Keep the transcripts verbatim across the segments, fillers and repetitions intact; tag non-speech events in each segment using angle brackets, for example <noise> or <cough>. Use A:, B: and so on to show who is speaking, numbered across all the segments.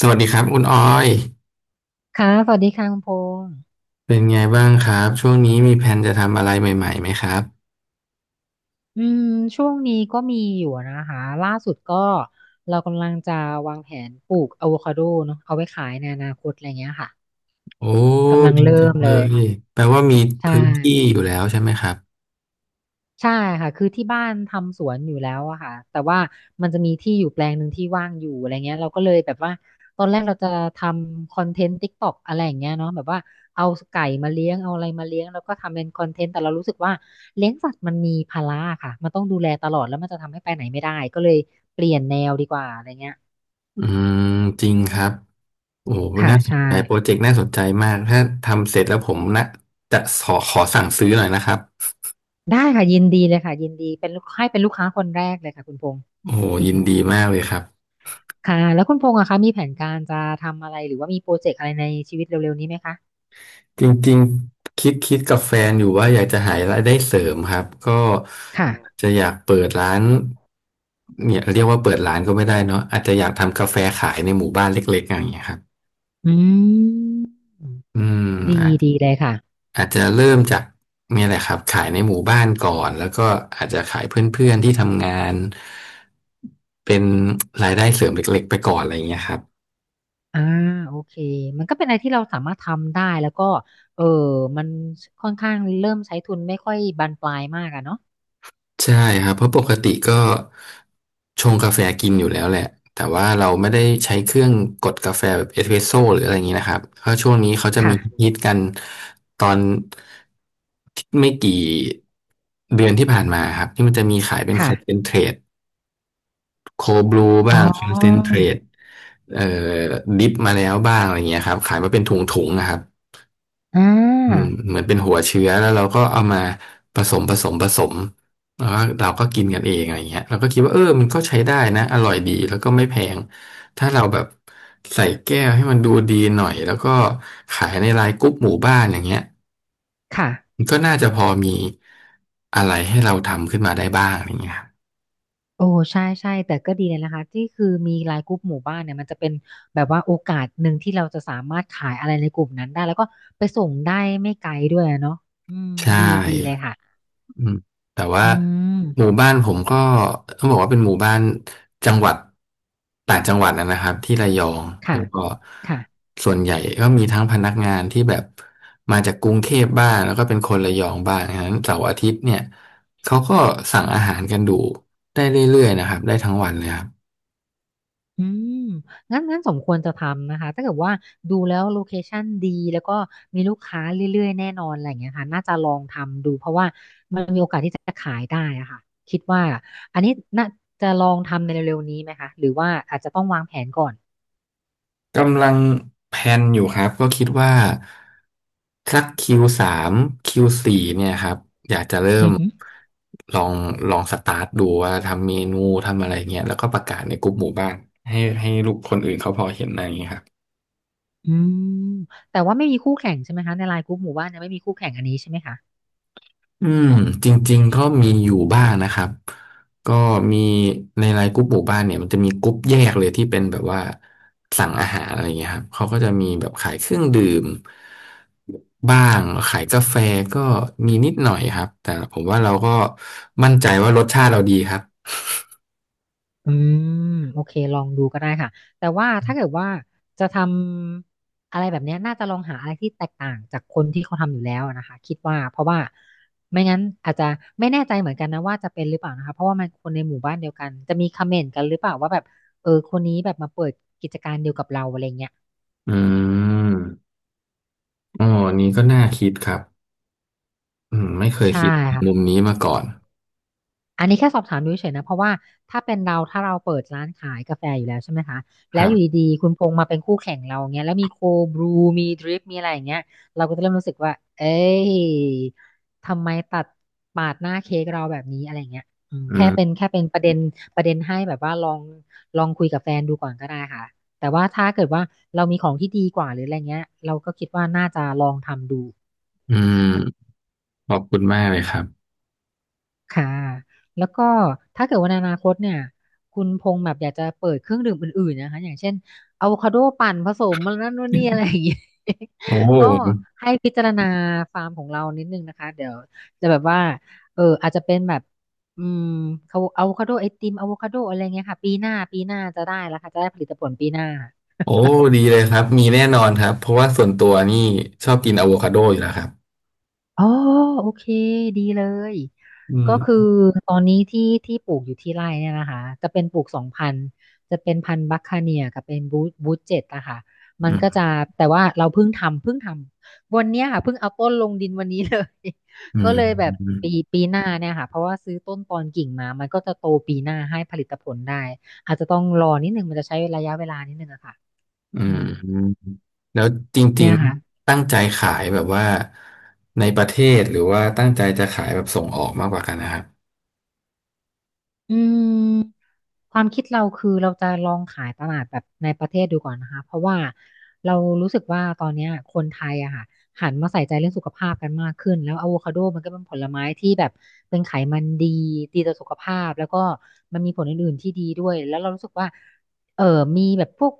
A: สวัสดีครับคุณออย
B: ค่ะ สวัสดีค่ะคุณพงษ์
A: เป็นไงบ้างครับช่วงนี้มีแผนจะทำอะไรใหม่ๆไหมครับ
B: อืมช่วงนี้ก็มีอยู่นะคะล่าสุดก็เรากำลังจะวางแผนปลูกอะโวคาโดเนาะเอาไว้ขายในอนาคตอะไรเงี้ยค่ะ
A: โอ้
B: กำลัง
A: ดี
B: เริ่
A: จัง
B: มเล
A: เล
B: ย
A: ยแปลว่ามี
B: ใช่
A: พื้นที่อยู่แล้วใช่ไหมครับ
B: ใช่ค่ะคือที่บ้านทำสวนอยู่แล้วอะค่ะแต่ว่ามันจะมีที่อยู่แปลงหนึ่งที่ว่างอยู่อะไรเงี้ยเราก็เลยแบบว่าตอนแรกเราจะทำคอนเทนต์ติ๊กต็อกอะไรอย่างเงี้ยเนาะแบบว่าเอาไก่มาเลี้ยงเอาอะไรมาเลี้ยงแล้วก็ทำเป็นคอนเทนต์แต่เรารู้สึกว่าเลี้ยงสัตว์มันมีภาระค่ะมันต้องดูแลตลอดแล้วมันจะทำให้ไปไหนไม่ได้ก็เลยเปลี่ยนแนวดีกว่าอะไรเงี้ย
A: อืมจริงครับโอ้
B: ค่ะ
A: น่าสน
B: ใช่
A: ใจโปรเจกต์น่าสนใจมากถ้าทำเสร็จแล้วผมนะจะขอขอสั่งซื้อหน่อยนะครับ
B: ได้ค่ะยินดีเลยค่ะยินดีเป็นลูกให้เป็นลูกค้าคนแรกเลยค่ะคุณพงษ์
A: โอ้ยินดีมากเลยครับ
B: ค่ะแล้วคุณพงษ์อะคะมีแผนการจะทำอะไรหรือว่ามีโปรเจกต์อะไรในชีวิตเร็วๆนี้ไหมคะ
A: จริงๆคิดคิดกับแฟนอยู่ว่าอยากจะหารายได้เสริมครับก็
B: ค่ะ
A: จะอยากเปิดร้านเนี่ยเรียกว่าเปิดร้านก็ไม่ได้เนาะอาจจะอยากทำกาแฟขายในหมู่บ้านเล็กๆอย่างเงี้ยครับ
B: อืม
A: อืม
B: ดี
A: อาจ
B: ดีเลยค่ะ
A: อาจจะเริ่มจากเนี่ยแหละครับขายในหมู่บ้านก่อนแล้วก็อาจจะขายเพื่อนๆที่ทำงานเป็นรายได้เสริมเล็กๆไปก่อนอะไรอย่างเงี้ยครับ
B: อ่าโอเคมันก็เป็นอะไรที่เราสามารถทำได้แล้วก็เออมันค่อนข้างเริ่มใช้ทุนไม่ค่อยบานปลายมากอะเนาะ
A: ใช่ครับเพราะปกติก็ชงกาแฟกินอยู่แล้วแหละแต่ว่าเราไม่ได้ใช้เครื่องกดกาแฟแบบเอสเปรสโซ่หรืออะไรอย่างนี้นะครับเพราะช่วงนี้เขาจะมี
B: ค่ะ
A: ฮิตกันตอนไม่กี่เดือนที่ผ่านมาครับที่มันจะมีขายเป็นคอนเซ
B: ค่ะ
A: นเทรตโคบลู
B: อ๋อ
A: บ้างคอนเซนเทรตเอ่อดิฟมาแล้วบ้างอะไรอย่างเงี้ยครับขายมาเป็นถุงๆนะครับ
B: อ่
A: อืม
B: า
A: เหมือนเป็นหัวเชื้อแล้วเราก็เอามาผสมผสมผสมแล้วก็เราก็กินกันเองอะไรเงี้ยเราก็คิดว่าเออมันก็ใช้ได้นะอร่อยดีแล้วก็ไม่แพงถ้าเราแบบใส่แก้วให้มันดูดีหน่อยแล้วก็ขายในไลน์กรุ๊ปหมู่บ้านอย่างเงี้ย
B: ค่ะ
A: มันก็น่าจะพอมีอะไรให้เราทำขึ้นมาได้บ้างอย่างเงี้ยครับ
B: โอ้ใช่ใช่แต่ก็ดีเลยนะคะที่คือมีไลน์กลุ่มหมู่บ้านเนี่ยมันจะเป็นแบบว่าโอกาสหนึ่งที่เราจะสามารถขายอะไรในกลุ่มนั้นได้แล้วก็ไปส่งได้ไม่ไกลด้วยอะเนาะอืม
A: ใช
B: ดีดีเลย
A: ่
B: ค่ะ
A: อืมแต่ว่า
B: อืม
A: หมู่บ้านผมก็ต้องบอกว่าเป็นหมู่บ้านจังหวัดต่างจังหวัดนะนะครับที่ระยอง
B: ค่ะ
A: แล้วก็
B: ค่ะ
A: ส่วนใหญ่ก็มีทั้งพนักงานที่แบบมาจากกรุงเทพบ้างแล้วก็เป็นคนระยองบ้างฉะนั้นเสาร์อาทิตย์เนี่ยเขาก็สั่งอาหารกันดูได้เรื่อยๆนะครับได้ทั้งวันเลยครับ
B: อืมงั้นงั้นสมควรจะทำนะคะถ้าเกิดว่าดูแล้วโลเคชั่นดีแล้วก็มีลูกค้าเรื่อยๆแน่นอนอะไรอย่างเงี้ยค่ะน่าจะลองทำดูเพราะว่ามันมีโอกาสที่จะขายได้อะค่ะคิดว่าอันนี้น่าจะลองทำในเร็วๆนี้ไหมคะหรือว่าอาจจะต้องวางแผนก่อน
A: กำลังแพลนอยู่ครับก็คิดว่าสักคคิิวสามคิวสี่เนี่ยครับอยากจะเริ่
B: อื
A: ม
B: อหอ
A: ลองลองสตาร์ทดูว่าทำเมนูทำอะไรเงี้ยแล้วก็ประกาศในกลุ่มหมู่บ้านให้ให้ลูกคนอื่นเขาพอเห็นอะไรอย่างเงี้ยครับ
B: อืมแต่ว่าไม่มีคู่แข่งใช่ไหมคะในไลน์กลุ่มหมู่บ้านเนี่ยไม่มีคู่แข่งอันนี้ใช่ไหมคะ
A: อืมจริงๆก็มีอยู่บ้างนะครับก็มีในไลน์กรุ๊ปหมู่บ้านเนี่ยมันจะมีกรุ๊ปแยกเลยที่เป็นแบบว่าสั่งอาหารอะไรเงี้ยครับเขาก็จะมีแบบขายเครื่องดื่มบ้างขายกาแฟก็มีนิดหน่อยครับแต่ผมว่าเราก็มั่นใจว่ารสชาติเราดีครับ
B: อืมโอเคลองดูก็ได้ค่ะแต่ว่าถ้าเกิดว่าจะทำอะไรแบบเนี้ยน่าจะลองหาอะไรที่แตกต่างจากคนที่เขาทำอยู่แล้วนะคะคิดว่าเพราะว่าไม่งั้นอาจจะไม่แน่ใจเหมือนกันนะว่าจะเป็นหรือเปล่านะคะเพราะว่ามันคนในหมู่บ้านเดียวกันจะมีคอมเมนต์กันหรือเปล่าว่าแบบเออคนนี้แบบมาเปิดกิจการเดียวกับเราอะไรเงี้ย
A: อืมอ๋ออันนี้ก็น่าคิดครับอืมไม่เคย
B: ใช่
A: คิดมุม
B: ค่ะ
A: นี้มาก่อน
B: อันนี้แค่สอบถามดูเฉยๆนะเพราะว่าถ้าเป็นเราถ้าเราเปิดร้านขายกาแฟอยู่แล้วใช่ไหมคะ
A: ค
B: แล้ว
A: รั
B: อยู่
A: บ
B: ดีๆคุณพงษ์มาเป็นคู่แข่งเราอย่างเงี้ยแล้วมีโคบรูมีดริปมีอะไรอย่างเงี้ยเราก็จะเริ่มรู้สึกว่าเอ้ยทำไมตัดปาดหน้าเค้กเราแบบนี้อะไรอย่างเงี้ยอืม
A: อื
B: แค่เป็น
A: ม
B: แค่เป็นประเด็นประเด็นให้แบบว่าลองลองคุยกับแฟนดูก่อนก็ได้ค่ะแต่ว่าถ้าเกิดว่าเรามีของที่ดีกว่าหรืออะไรเงี้ยเราก็คิดว่าน่าจะลองทำดู
A: อืมขอบคุณมากเลยครับ
B: ค่ะ แล้วก็ถ้าเกิดว่าในอนาคตเนี่ยคุณพงษ์แบบอยากจะเปิดเครื่องดื่มอื่นๆนะคะอย่างเช่นอะโวคาโดปั่นผสมมันนั่นนู่นนี่อะไรอย่างเงี้ย <laughs>
A: โอ
B: ก็
A: ้
B: ให้พิจารณาฟาร์มของเรานิดนึงนะคะเดี๋ยวจะแบบว่าเอออาจจะเป็นแบบอืมเขาอะโวคาโดไอติมอะโวคาโดอะไรเงี้ยค่ะปีหน้าปีหน้าจะได้แล้วค่ะจะได้ผลิตผลปีหน้า
A: โอ้ดีเลยครับมีแน่นอนครับเพราะว่าส่วนตัวนี่ชอบกินอะโวคาโดอยู่แล้วครับ
B: อ๋อโอเคดีเลย
A: อื
B: ก็คือ
A: ม
B: ตอนนี้ที่ที่ปลูกอยู่ที่ไร่เนี่ยนะคะจะเป็นปลูกสองพันธุ์จะเป็นพันธุ์บัคคาเนียกับเป็นบูบูเจ็ตอะค่ะมั
A: อื
B: นก็จะ
A: ม
B: แต่ว่าเราเพิ่งทำเพิ่งทำวันเนี้ยค่ะเพิ่งเอาต้นลงดินวันนี้เลย
A: อื
B: <laughs> ก็
A: ม
B: เลยแบบปีปีหน้าเนี่ยค่ะเพราะว่าซื้อต้นตอนกิ่งมามันก็จะโตปีหน้าให้ผลิตผลได้อาจจะต้องรอนิดนึงมันจะใช้ระยะเวลานิดนึงอะค่ะ
A: อื
B: อื
A: ม
B: ม
A: อืมแล้วจริ
B: เนี่
A: ง
B: ยค่ะ
A: ๆตั้งใจขายแบบว่าในประเทศหรือว่าตั้งใจจะขายแบบส่งออกมากกว่ากันนะครับ
B: อืมความคิดเราคือเราจะลองขายตลาดแบบในประเทศดูก่อนนะคะเพราะว่าเรารู้สึกว่าตอนเนี้ยคนไทยอะค่ะหันมาใส่ใจเรื่องสุขภาพกันมากขึ้นแล้วอะโวคาโดมันก็เป็นผลไม้ที่แบบเป็นไขมันดีดีต่อสุขภาพแล้วก็มันมีผลอื่นๆที่ดีด้วยแล้วเรารู้สึกว่าเออมีแบบพวก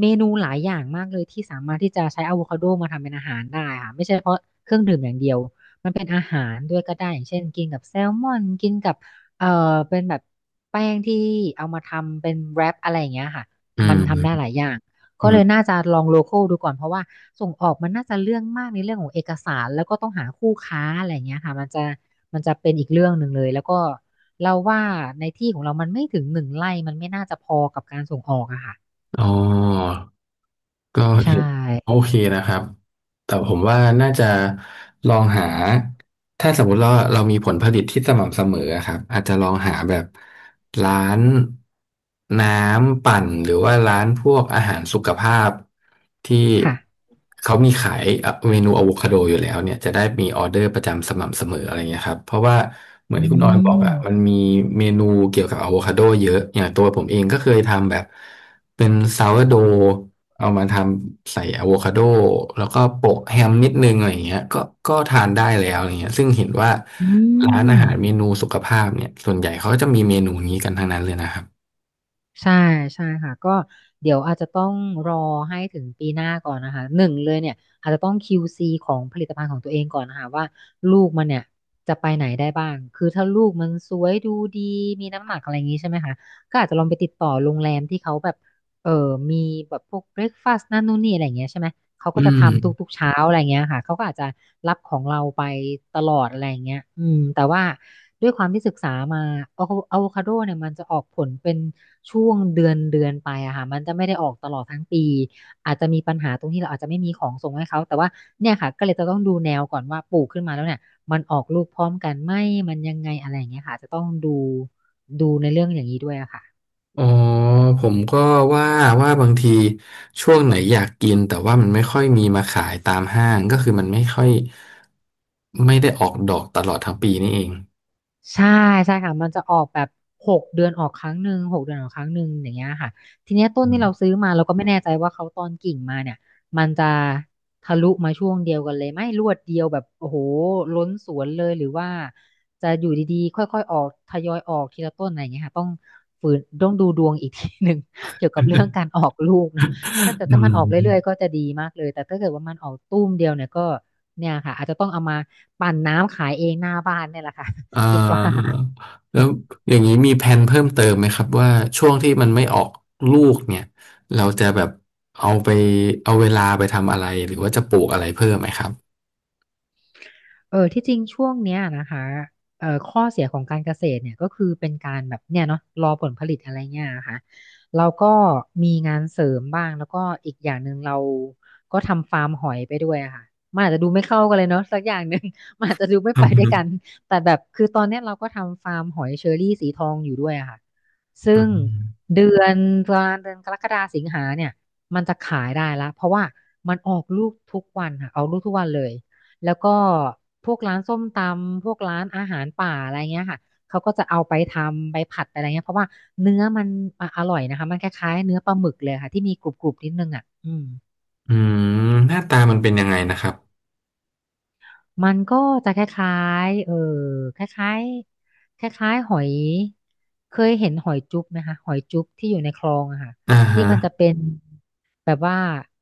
B: เมนูหลายอย่างมากเลยที่สามารถที่จะใช้อะโวคาโดมาทำเป็นอาหารได้ค่ะไม่ใช่เฉพาะเครื่องดื่มอย่างเดียวมันเป็นอาหารด้วยก็ได้อย่างเช่นกินกับแซลมอนกินกับ เออเป็นแบบแป้งที่เอามาทำเป็นแรปอะไรอย่างเงี้ยค่ะ
A: อื
B: มันทำได้ห
A: ม
B: ลายอย่าง
A: อื
B: ก็เล
A: ม
B: ยน่าจะลองโลคอลดูก่อนเพราะว่าส่งออกมันน่าจะเรื่องมากในเรื่องของเอกสารแล้วก็ต้องหาคู่ค้าอะไรอย่างเงี้ยค่ะมันจะมันจะเป็นอีกเรื่องหนึ่งเลยแล้วก็เราว่าในที่ของเรามันไม่ถึงหนึ่งไร่มันไม่น่าจะพอกับการส่งออกอะค่ะ
A: อ๋อ ก็
B: ใช่
A: เห็นโอเคนะครับแต่ผมว่าน่าจะลองหาถ้าสมมุติเราเรามีผลผลิตที่สม่ำเสมออะครับอาจจะลองหาแบบร้านน้ำปั่นหรือว่าร้านพวกอาหารสุขภาพที่
B: ค่ะ
A: เขามีขายเอ่อเมนูอะโวคาโดอยู่แล้วเนี่ยจะได้มีออเดอร์ประจำสม่ำเสมออะไรเงี้ยครับเพราะว่าเหมือน
B: อื
A: ที่คุณออยบอกอะมัน
B: ม
A: มีเมนูเกี่ยวกับอะโวคาโดเยอะอย่างตัวผมเองก็เคยทำแบบเป็นซาวร์โด เอามาทำใส่อะโวคาโดแล้วก็โปะแฮมนิดนึงอะไรอย่างเงี้ยก็ก็ทานได้แล้วอะไรเงี้ยซึ่งเห็นว่า
B: อื
A: ร้านอาหารเม
B: ม
A: นูสุขภาพเนี่ยส่วนใหญ่เขาก็จะมีเมนูนี้กันทั้งนั้นเลยนะครับ
B: ใช่ใช่ค่ะก็เดี๋ยวอาจจะต้องรอให้ถึงปีหน้าก่อนนะคะหนึ่งเลยเนี่ยอาจจะต้อง คิว ซี ของผลิตภัณฑ์ของตัวเองก่อนนะคะว่าลูกมันเนี่ยจะไปไหนได้บ้างคือถ้าลูกมันสวยดูดีมีน้ำหนักอะไรอย่างนี้ใช่ไหมคะก็อาจจะลองไปติดต่อโรงแรมที่เขาแบบเออมีแบบพวกเบรคฟาสต์นั่นนู่นนี่อะไรอย่างเงี้ยใช่ไหม เขา
A: อื
B: ก็จะ
A: ม
B: ทำทุกๆเช้าอะไรเงี้ยค่ะ เขาก็อาจจะรับของเราไปตลอดอะไรเงี้ยอืมแต่ว่าด้วยความที่ศึกษามาอะอะโวคาโดเนี่ยมันจะออกผลเป็นช่วงเดือนเดือนไปอะค่ะมันจะไม่ได้ออกตลอดทั้งปี อาจจะมีปัญหาตรงที่เราอาจจะไม่มีของส่งให้เขาแต่ว่าเนี่ยค่ะก็เลยจะต้องดูแนวก่อนว่าปลูกขึ้นมาแล้วเนี่ยมันออกลูกพร้อมกันไหมมันยังไงอะไรอย่างเงี้ยค่ะจะต้องดูดูในเรื่องอย่างนี้ด้วยอะค่ะ
A: อ๋อผมก็ว่าว่าบางทีช่วงไหนอยากกินแต่ว่ามันไม่ค่อยมีมาขายตามห้างก็คือมันไม่ค่อยไม่ได้ออกดอกตลอดทั้งปีนี่เอง
B: ใช่ใช่ค่ะมันจะออกแบบหกเดือนออกครั้งหนึ่งหกเดือนออกครั้งหนึ่งอย่างเงี้ยค่ะทีเนี้ยต้นที่เรา
A: อ
B: ซื้อมาเราก็ไม่แน่ใจว่าเขาตอนกิ่งมาเนี่ยมันจะทะลุมาช่วงเดียวกันเลยไหมรวดเดียวแบบโอ้โหล้นสวนเลยหรือว่าจะอยู่ดีๆค่อยๆออกทยอยออกทีละต้นอะไรอย่างเงี้ยค่ะต้องฝืนต้องดูดวงอีกทีหนึ่ง <laughs> เกี่ยวกับเรื่องการออกลูกเนาะถ้าแต่
A: ื
B: ถ้ามันออกเรื่อยๆ
A: ม
B: ก็จะดีมากเลยแต่ถ้าเกิดว่ามันออกตุ้มเดียวเนี่ยก็เนี่ยค่ะอาจจะต้องเอามาปั่นน้ำขายเองหน้าบ้านเนี่ยแหละค่ะ
A: อ่า
B: คิดว่า
A: แล้ว
B: <laughs>
A: อย่างนี้มีแผนเพิ่มเติมไหมครับว่าช่วงที่มันไม่ออกลูกเนี่ยเราจะแบบเอาไปเอาเวลาไปทำอะไรหรือว่าจะปลูกอะไรเพิ่มไหมครับ
B: เออที่จริงช่วงเนี้ยนะคะเอ่อข้อเสียของการเกษตรเนี่ยก็คือเป็นการแบบเนี่ยเนาะรอผลผลิตอะไรเงี้ยค่ะเราก็มีงานเสริมบ้างแล้วก็อีกอย่างหนึ่งเราก็ทำฟาร์มหอยไปด้วยอะค่ะมันอาจจะดูไม่เข้ากันเลยเนาะสักอย่างหนึ่ง <laughs> มันอาจจะดูไม่
A: อื
B: ไปด้วยกัน
A: ม
B: แต่แบบคือตอนเนี้ยเราก็ทำฟาร์มหอยเชอรี่สีทองอยู่ด้วยอะค่ะซึ่
A: อื
B: ง
A: ม
B: เดือนประมาณเดือนกรกฎาสิงหาเนี่ยมันจะขายได้ละเพราะว่ามันออกลูกทุกวันค่ะออกลูกทุกวันเลย แล้วก็พวกร้านส้มตำ พวกร้านอาหารป่าอะไรเงี้ยค่ะ เขาก็จะเอาไปทำ ไปผัดไปอะไรเงี้ย เพราะว่าเนื้อมันอ่ะอร่อยนะคะ มันคล้ายๆเนื้อปลาหมึกเลยค่ะที่มีกรุบๆนิดนึงอ่ะอืม
A: อืมหน้าตามันเป็นยังไงนะครับ
B: มันก็จะคล้ายๆเออคล้ายๆคล้ายๆหอย เคยเห็นหอยจุ๊บไหมคะหอยจุ๊บที่อยู่ในคลองอะค่ะ
A: อ่า
B: ที่
A: ฮะ
B: มันจะเป็นแบบว่า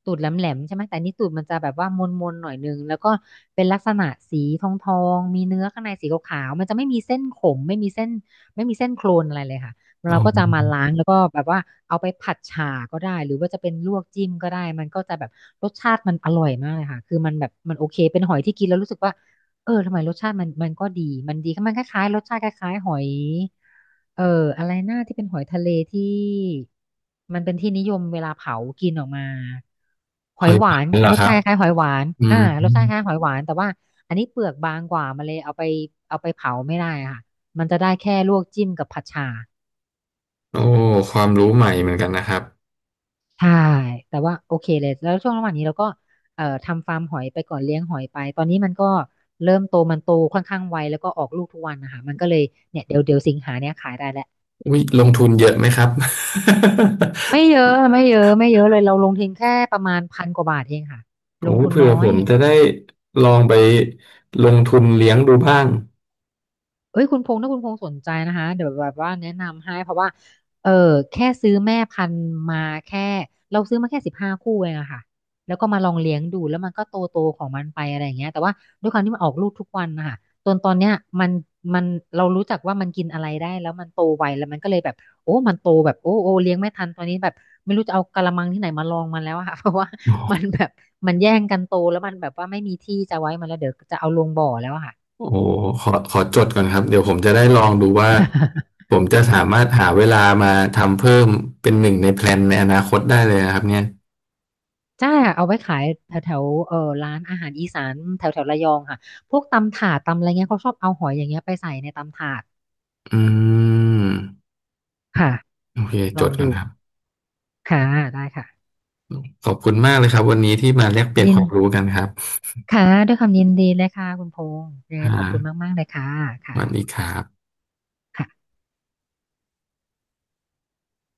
B: ตูดแหลมๆใช่ไหมแต่อันนี้ตูดมันจะแบบว่ามนๆหน่อยนึงแล้วก็เป็นลักษณะสีทองๆมีเนื้อข้างในสีขาวๆมันจะไม่มีเส้นขมไม่มีเส้นไม่มีเส้นโครนอะไรเลยค่ะ
A: อ๋อ
B: เราก็จะมาล้างแล้วก็แบบว่าเอาไปผัดฉ่าก็ได้หรือว่าจะเป็นลวกจิ้มก็ได้มันก็จะแบบรสชาติมันอร่อยมากเลยค่ะคือมันแบบมันโอเคเป็นหอยที่กินแล้วรู้สึกว่าเออทำไมรสชาติมันมันก็ดีมันดีมันคล้ายๆรสชาติคล้ายๆหอยเอออะไรหน้าที่เป็นหอยทะเลที่มันเป็นที่นิยมเวลาเผากินออกมาห
A: ห
B: อ
A: อ
B: ย
A: ย
B: ห
A: ห
B: วา
A: วาน
B: น
A: เหรอ
B: รส
A: ครั
B: ชา
A: บ
B: ติคล้ายๆหอยหวาน
A: อื
B: อ่า
A: ม
B: รสชาติคล้ายๆหอยหวานแต่ว่าอันนี้เปลือกบางกว่ามาเลยเอาไปเอาไปเผาไม่ได้อะค่ะมันจะได้แค่ลวกจิ้มกับผัดฉ่า
A: โอ้ความรู้ใหม่เหมือนกันนะครับ
B: ใช่ แต่ว่าโอเคเลย แล้วช่วงระหว่างนี้เราก็เอ่อทำฟาร์มหอยไปก่อนเลี้ยงหอยไป ตอนนี้มันก็เริ่มโตมันโตค่อนข้างไวแล้วก็ออกลูกทุกวันนะคะ มันก็เลยเนี่ยเดี๋ยวเดี๋ยวสิงหาเนี่ยขายได้แหละ
A: วิลงทุนเยอะไหมครับ
B: ไม่เยอะไม่เยอะไม่เยอะเลยเราลงทุนแค่ประมาณพันกว่าบาทเองค่ะ
A: <laughs>
B: ล
A: โอ้
B: งทุน
A: เผื่อ
B: น้อ
A: ผ
B: ย
A: มจะได้ลองไปลงทุนเลี้ยงดูบ้าง
B: เอ้ยคุณพงษ์ถ้าคุณพงษ์สนใจนะคะเดี๋ยวแบบว่าแนะนำให้เพราะว่าเออแค่ซื้อแม่พันธุ์มาแค่เราซื้อมาแค่สิบห้าคู่เองอะค่ะแล้วก็มาลองเลี้ยงดูแล้วมันก็โตโตของมันไปอะไรอย่างเงี้ยแต่ว่าด้วยความที่มันออกลูกทุกวันนะคะจนตอนเนี้ยมันมันเรารู้จักว่ามันกินอะไรได้แล้วมันโตไวแล้วมันก็เลยแบบโอ้มันโตแบบโอ้โอ้เลี้ยงไม่ทันตอนนี้แบบไม่รู้จะเอากะละมังที่ไหนมาลองมันแล้วอะค่ะ <laughs> เพราะว่า
A: โอ
B: มัน
A: ้
B: แบบมันแย่งกันโตแล้วมันแบบว่าไม่มีที่จะไว้มันแล้วเดี๋ยวจะเอาลงบ่อแล้วอะค่ะ
A: โอ้โหขอขอจดก่อนครับเดี๋ยวผมจะได้ลองดูว่าผมจะสามารถหาเวลามาทำเพิ่มเป็นหนึ่งในแพลนในอนาคตได้เลยนะครับเนี่ย
B: จ้าเอาไว้ขายแถวแถวเออร้านอาหารอีสานแถวแถวระยองค่ะพวกตำถาดตำอะไรเงี้ยเขาชอบเอาหอยอย่างเงี้ยไปใส่ในตำถาด
A: อืม
B: ค่ะ
A: โอเค
B: ล
A: จ
B: อง
A: ดก่อ
B: ดู
A: นครับ
B: ค่ะได้ค่ะ
A: ขอบคุณมากเลยครับวันนี้ที่มาแลกเปลี่ยน
B: ยิ
A: ค
B: น
A: วามรู้กันครับ
B: ค่ะด้วยความยินดีเลยค่ะคุณพงษ์ยังไง
A: อ่า
B: ขอบคุณมากๆเลยค่ะ
A: สวัส
B: ค่ะ
A: ดีครับ
B: ค่ะ